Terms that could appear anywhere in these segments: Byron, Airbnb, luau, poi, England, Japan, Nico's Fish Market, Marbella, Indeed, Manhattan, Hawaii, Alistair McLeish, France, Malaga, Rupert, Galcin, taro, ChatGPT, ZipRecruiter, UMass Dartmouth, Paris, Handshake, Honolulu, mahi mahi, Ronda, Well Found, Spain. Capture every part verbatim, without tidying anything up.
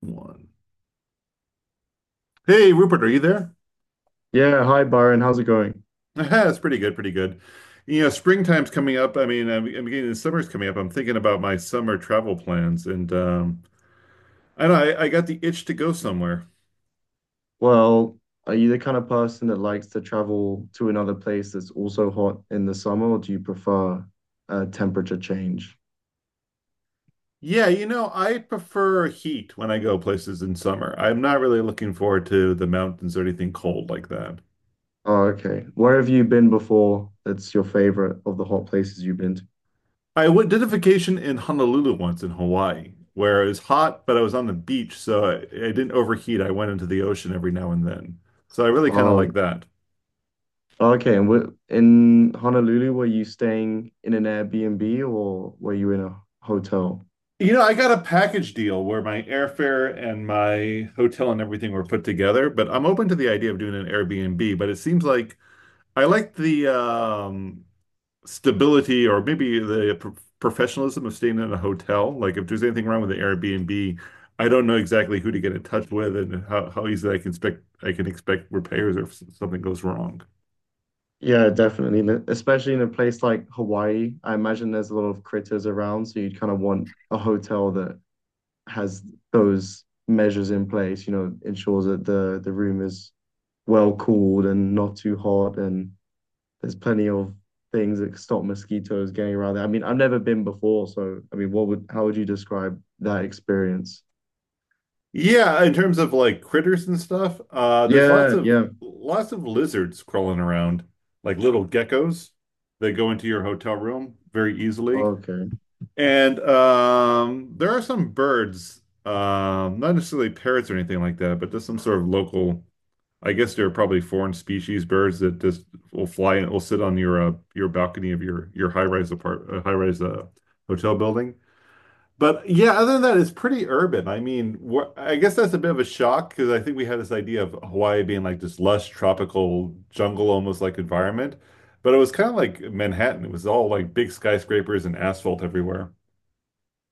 One. Hey, Rupert, are you there? Yeah, hi Byron, how's it going? That's pretty good, pretty good. You know, springtime's coming up. I mean, I'm, I'm getting the summer's coming up. I'm thinking about my summer travel plans, and um, I don't know, I, I got the itch to go somewhere. Well, are you the kind of person that likes to travel to another place that's also hot in the summer, or do you prefer a temperature change? Yeah, you know, I prefer heat when I go places in summer. I'm not really looking forward to the mountains or anything cold like that. Oh, okay. Where have you been before that's your favorite of the hot places you've been to? I went, did a vacation in Honolulu once in Hawaii, where it was hot, but I was on the beach, so I, I didn't overheat. I went into the ocean every now and then. So I really kind of Oh, like that. okay. And wh- in Honolulu, were you staying in an Airbnb or were you in a hotel? You know, I got a package deal where my airfare and my hotel and everything were put together, but I'm open to the idea of doing an Airbnb, but it seems like I like the um stability or maybe the pro professionalism of staying in a hotel. Like if there's anything wrong with the Airbnb, I don't know exactly who to get in touch with and how, how easily I can expect I can expect repairs or if s- something goes wrong. Yeah, definitely. n- Especially in a place like Hawaii, I imagine there's a lot of critters around, so you'd kind of want a hotel that has those measures in place, you know, ensures that the the room is well cooled and not too hot, and there's plenty of things that stop mosquitoes getting around there. I mean, I've never been before, so I mean, what would how would you describe that experience? Yeah, in terms of like critters and stuff, uh, there's lots Yeah, of yeah. lots of lizards crawling around, like little geckos that go into your hotel room very easily. Okay. And um, There are some birds, um, not necessarily parrots or anything like that, but just some sort of local, I guess they're probably foreign species birds that just will fly and will sit on your uh, your balcony of your your high-rise apart uh, high-rise uh, hotel building. But yeah, other than that, it's pretty urban. I mean, wh- I guess that's a bit of a shock because I think we had this idea of Hawaii being like this lush tropical jungle almost like environment, but it was kind of like Manhattan. It was all like big skyscrapers and asphalt everywhere.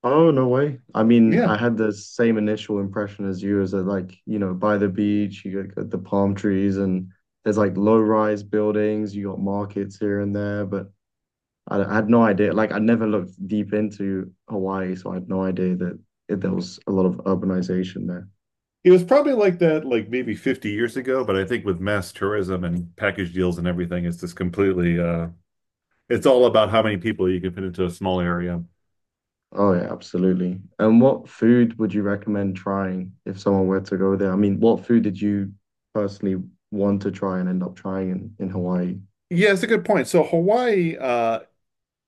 Oh, no way. I mean, I Yeah. had the same initial impression as you, is that like, you know, by the beach, you got got the palm trees and there's like low-rise buildings, you got markets here and there, but I, I had no idea. Like I never looked deep into Hawaii, so I had no idea that it, there was a lot of urbanization there. It was probably like that like maybe fifty years ago, but I think with mass tourism and package deals and everything, it's just completely uh it's all about how many people you can fit into a small area. Oh yeah, absolutely. And what food would you recommend trying if someone were to go there? I mean, what food did you personally want to try and end up trying in, in Hawaii? Yeah, it's a good point. So Hawaii, uh,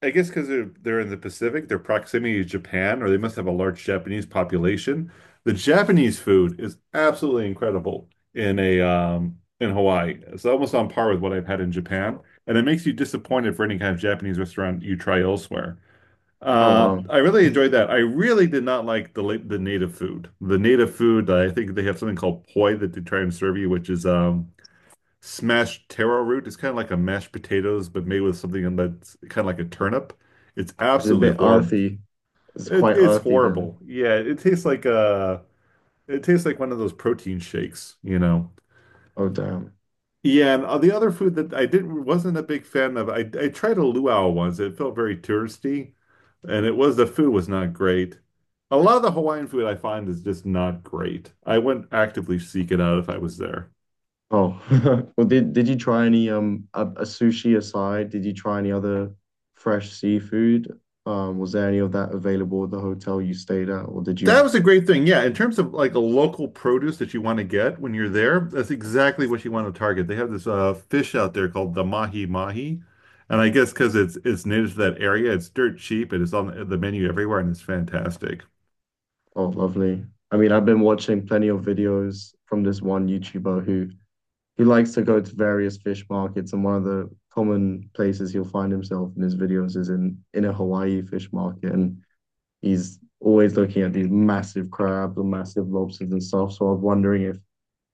I guess because they're they're in the Pacific, their proximity to Japan, or they must have a large Japanese population. The Japanese food is absolutely incredible in a um in Hawaii. It's almost on par with what I've had in Japan, and it makes you disappointed for any kind of Japanese restaurant you try elsewhere. Oh Uh, wow. I really enjoyed that. I really did not like the la- the native food. The native food, I think they have something called poi that they try and serve you, which is um smashed taro root. Is kind of like a mashed potatoes, but made with something that's kind of like a turnip. It's It's a bit absolutely horrible. earthy. It's It, quite it's earthy then. horrible. Yeah, it tastes like uh it tastes like one of those protein shakes, you know. Oh damn. Yeah, and uh, the other food that I didn't wasn't a big fan of, I I tried a luau once. It felt very touristy, and it was the food was not great. A lot of the Hawaiian food I find is just not great. I wouldn't actively seek it out if I was there. Oh, well, did did you try any um a, a sushi aside? Did you try any other fresh seafood? Um, was there any of that available at the hotel you stayed at, or did That you? was a great thing. Yeah, in terms of like a local produce that you want to get when you're there, that's exactly what you want to target. They have this uh, fish out there called the mahi mahi, and I guess because it's it's native to that area, it's dirt cheap and it's on the menu everywhere, and it's fantastic. Oh, lovely. I mean, I've been watching plenty of videos from this one YouTuber who who likes to go to various fish markets, and one of the common places he'll find himself in his videos is in in a Hawaii fish market, and he's always looking at these massive crabs or massive lobsters and stuff. So I was wondering if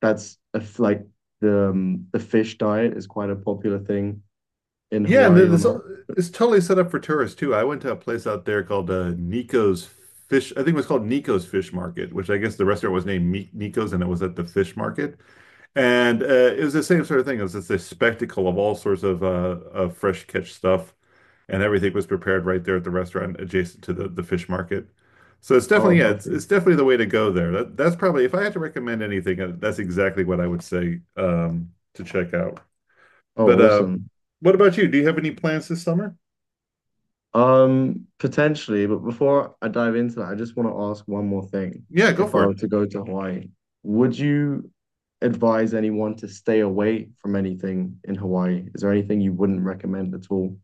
that's if like the um, the fish diet is quite a popular thing in Yeah, and Hawaii or this not. it's totally set up for tourists too. I went to a place out there called uh, Nico's Fish. I think it was called Nico's Fish Market, which I guess the restaurant was named Mi- Nico's, and it was at the fish market. And uh, it was the same sort of thing. It was just a spectacle of all sorts of uh, of fresh catch stuff, and everything was prepared right there at the restaurant adjacent to the, the fish market. So it's Oh, definitely, yeah, it's, lovely. it's definitely the way to go there. That that's probably if I had to recommend anything, uh, that's exactly what I would say um, to check out. But Oh, uh, awesome. what about you? Do you have any plans this summer? Um, potentially, but before I dive into that, I just want to ask one more thing. Yeah, go If for I were it. to go to Hawaii, would you advise anyone to stay away from anything in Hawaii? Is there anything you wouldn't recommend at all?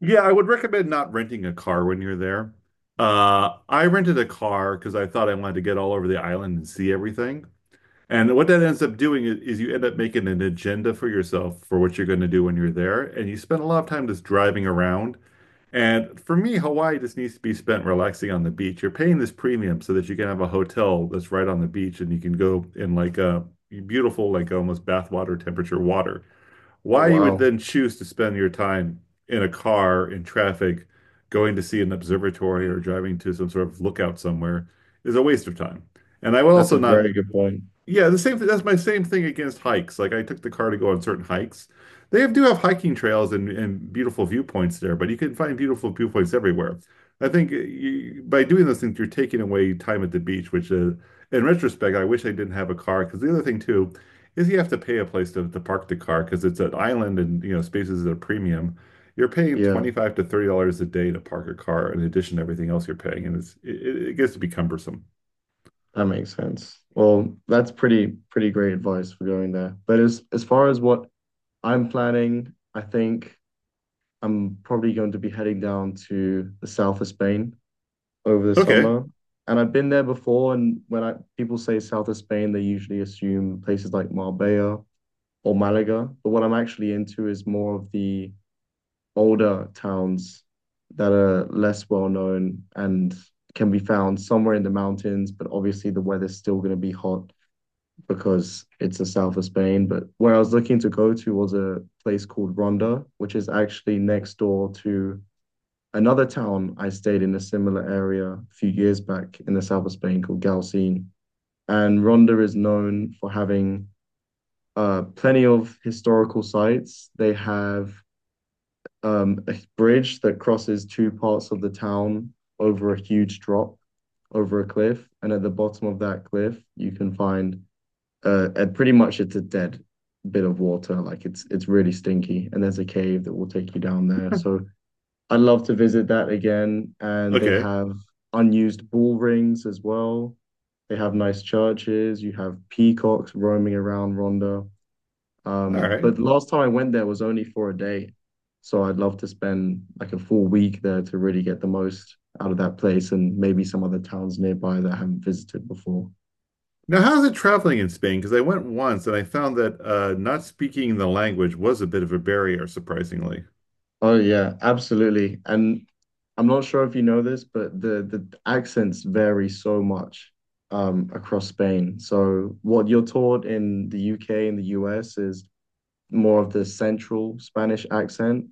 Yeah, I would recommend not renting a car when you're there. Uh, I rented a car because I thought I wanted to get all over the island and see everything. And what that ends up doing is, is you end up making an agenda for yourself for what you're going to do when you're there. And you spend a lot of time just driving around. And for me, Hawaii just needs to be spent relaxing on the beach. You're paying this premium so that you can have a hotel that's right on the beach and you can go in like a beautiful, like almost bathwater temperature water. Oh, Why you would wow. then choose to spend your time in a car in traffic, going to see an observatory or driving to some sort of lookout somewhere is a waste of time. And I would That's also a not, very good point. yeah, the same thing. That's my same thing against hikes. Like I took the car to go on certain hikes. They have, do have hiking trails and, and beautiful viewpoints there, but you can find beautiful viewpoints everywhere. I think uh, you, by doing those things, you're taking away time at the beach, which uh, in retrospect, I wish I didn't have a car. Because the other thing too is you have to pay a place to, to park the car because it's an island and you know spaces at a premium. You're paying Yeah. twenty-five to thirty dollars a day to park a car in addition to everything else you're paying, and it's it, it gets to be cumbersome. That makes sense. Well, that's pretty pretty great advice for going there. But as as far as what I'm planning, I think I'm probably going to be heading down to the south of Spain over the Okay. summer. And I've been there before, and when I people say south of Spain, they usually assume places like Marbella or Malaga. But what I'm actually into is more of the older towns that are less well known and can be found somewhere in the mountains, but obviously the weather's still going to be hot because it's the south of Spain. But where I was looking to go to was a place called Ronda, which is actually next door to another town I stayed in a similar area a few years back in the south of Spain called Galcin. And Ronda is known for having uh, plenty of historical sites. They have um, a bridge that crosses two parts of the town over a huge drop, over a cliff. And at the bottom of that cliff, you can find uh, at pretty much it's a dead bit of water. Like it's it's really stinky, and there's a cave that will take you down there. So I'd love to visit that again. And they Okay. have unused ball rings as well. They have nice churches. You have peacocks roaming around Rhondda. All Um, right. But last time I went there was only for a day, so I'd love to spend like a full week there to really get the most out of that place and maybe some other towns nearby that I haven't visited before. Now, how's it traveling in Spain? Because I went once and I found that uh, not speaking the language was a bit of a barrier, surprisingly. Oh yeah, absolutely. And I'm not sure if you know this, but the the accents vary so much um, across Spain. So what you're taught in the U K and the U S is more of the central Spanish accent.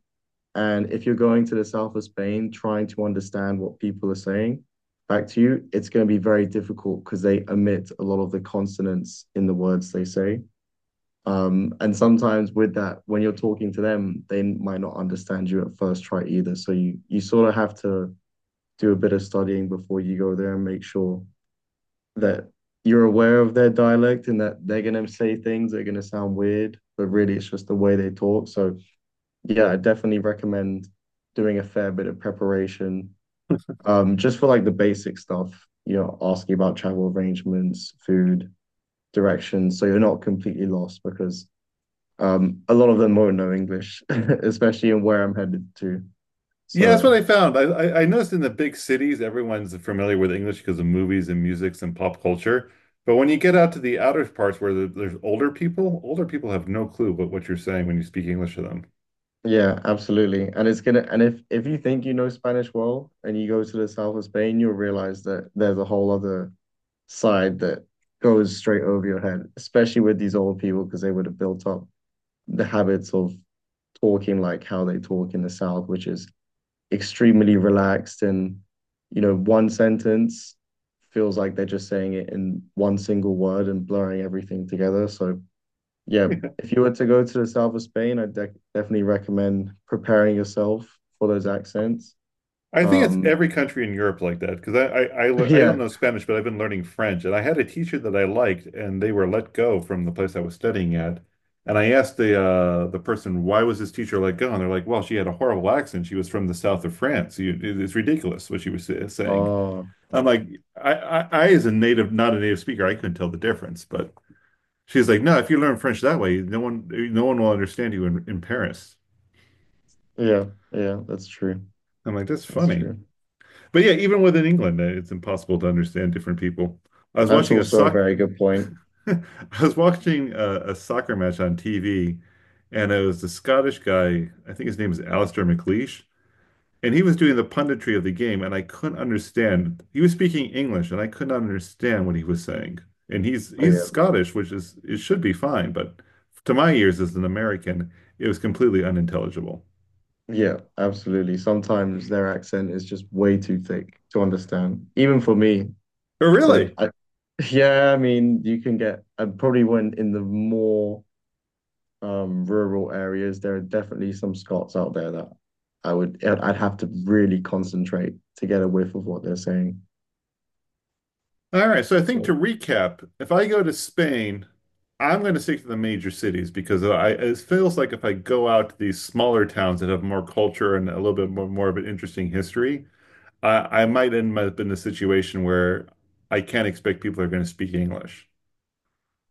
And if you're going to the south of Spain trying to understand what people are saying back to you, it's going to be very difficult because they omit a lot of the consonants in the words they say. Um, and sometimes with that, when you're talking to them, they might not understand you at first try either. So you you sort of have to do a bit of studying before you go there and make sure that you're aware of their dialect and that they're going to say things that are going to sound weird, but really it's just the way they talk. So, yeah, I definitely recommend doing a fair bit of preparation um, just for like the basic stuff, you know, asking about travel arrangements, food, directions. So you're not completely lost because um, a lot of them won't know English, especially in where I'm headed to. Yeah, that's what So, I found. I, I, I noticed in the big cities, everyone's familiar with English because of movies and music and pop culture. But when you get out to the outer parts where the, there's older people, older people have no clue what, what you're saying when you speak English to them. yeah, absolutely. And it's gonna and if if you think you know Spanish well and you go to the south of Spain, you'll realize that there's a whole other side that goes straight over your head, especially with these old people because they would have built up the habits of talking like how they talk in the south, which is extremely relaxed and you know, one sentence feels like they're just saying it in one single word and blurring everything together. So yeah, if you were to go to the south of Spain, I'd dec definitely recommend preparing yourself for those accents. I think it's Um, every country in Europe like that because I, I I lear- I yeah. don't know Spanish, but I've been learning French, and I had a teacher that I liked, and they were let go from the place I was studying at, and I asked the uh, the person why was this teacher let go, and they're like, well, she had a horrible accent. She was from the south of France. You, it- it's ridiculous what she was sa- saying. Oh, I'm like, I, I I as a native, not a native speaker, I couldn't tell the difference, but she's like, no, if you learn French that way, no one no one will understand you in in Paris. yeah, yeah, that's true. I'm like, that's That's funny. true. But yeah, even within England, uh, it's impossible to understand different people. I was That's watching a also a soc very good point. I was watching a, a soccer match on T V, and it was the Scottish guy. I think his name is Alistair McLeish, and he was doing the punditry of the game, and I couldn't understand. He was speaking English, and I could not understand what he was saying. And he's Oh, he's yeah, Scottish, which is it should be fine, but to my ears as an American, it was completely unintelligible. yeah, absolutely. Sometimes their accent is just way too thick to understand, even for me. Oh, But really? I, yeah, I mean, you can get, I probably went in the more um rural areas, there are definitely some Scots out there that I would I'd have to really concentrate to get a whiff of what they're saying. All right, so I think to So recap, if I go to Spain, I'm going to stick to the major cities because I it feels like if I go out to these smaller towns that have more culture and a little bit more, more of an interesting history, I, I might end up in a situation where I can't expect people are going to speak English.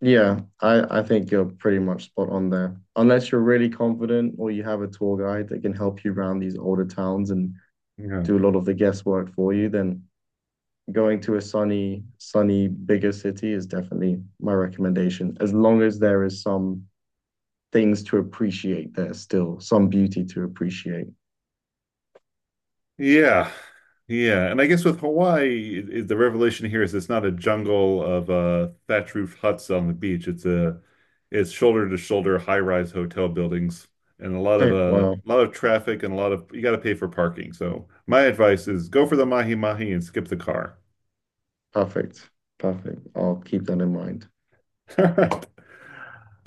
yeah, I I think you're pretty much spot on there. Unless you're really confident or you have a tour guide that can help you around these older towns and Yeah. do a lot of the guesswork for you, then going to a sunny, sunny bigger city is definitely my recommendation. As long as there is some things to appreciate there still, some beauty to appreciate. Yeah. Yeah. And I guess with Hawaii, it, it- the revelation here is it's not a jungle of uh, thatch roof huts on the beach. It's a it's shoulder to shoulder high rise hotel buildings and a lot of Okay, uh, wow. a lot of traffic and a lot of you got to pay for parking. So my advice is go for the mahi mahi and skip the car. Perfect. Perfect. I'll keep that in mind. All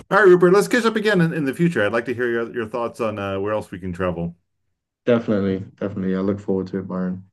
right, Rupert, let's catch up again in, in the future. I'd like to hear your, your thoughts on uh, where else we can travel. Definitely. Definitely. I look forward to it, Byron.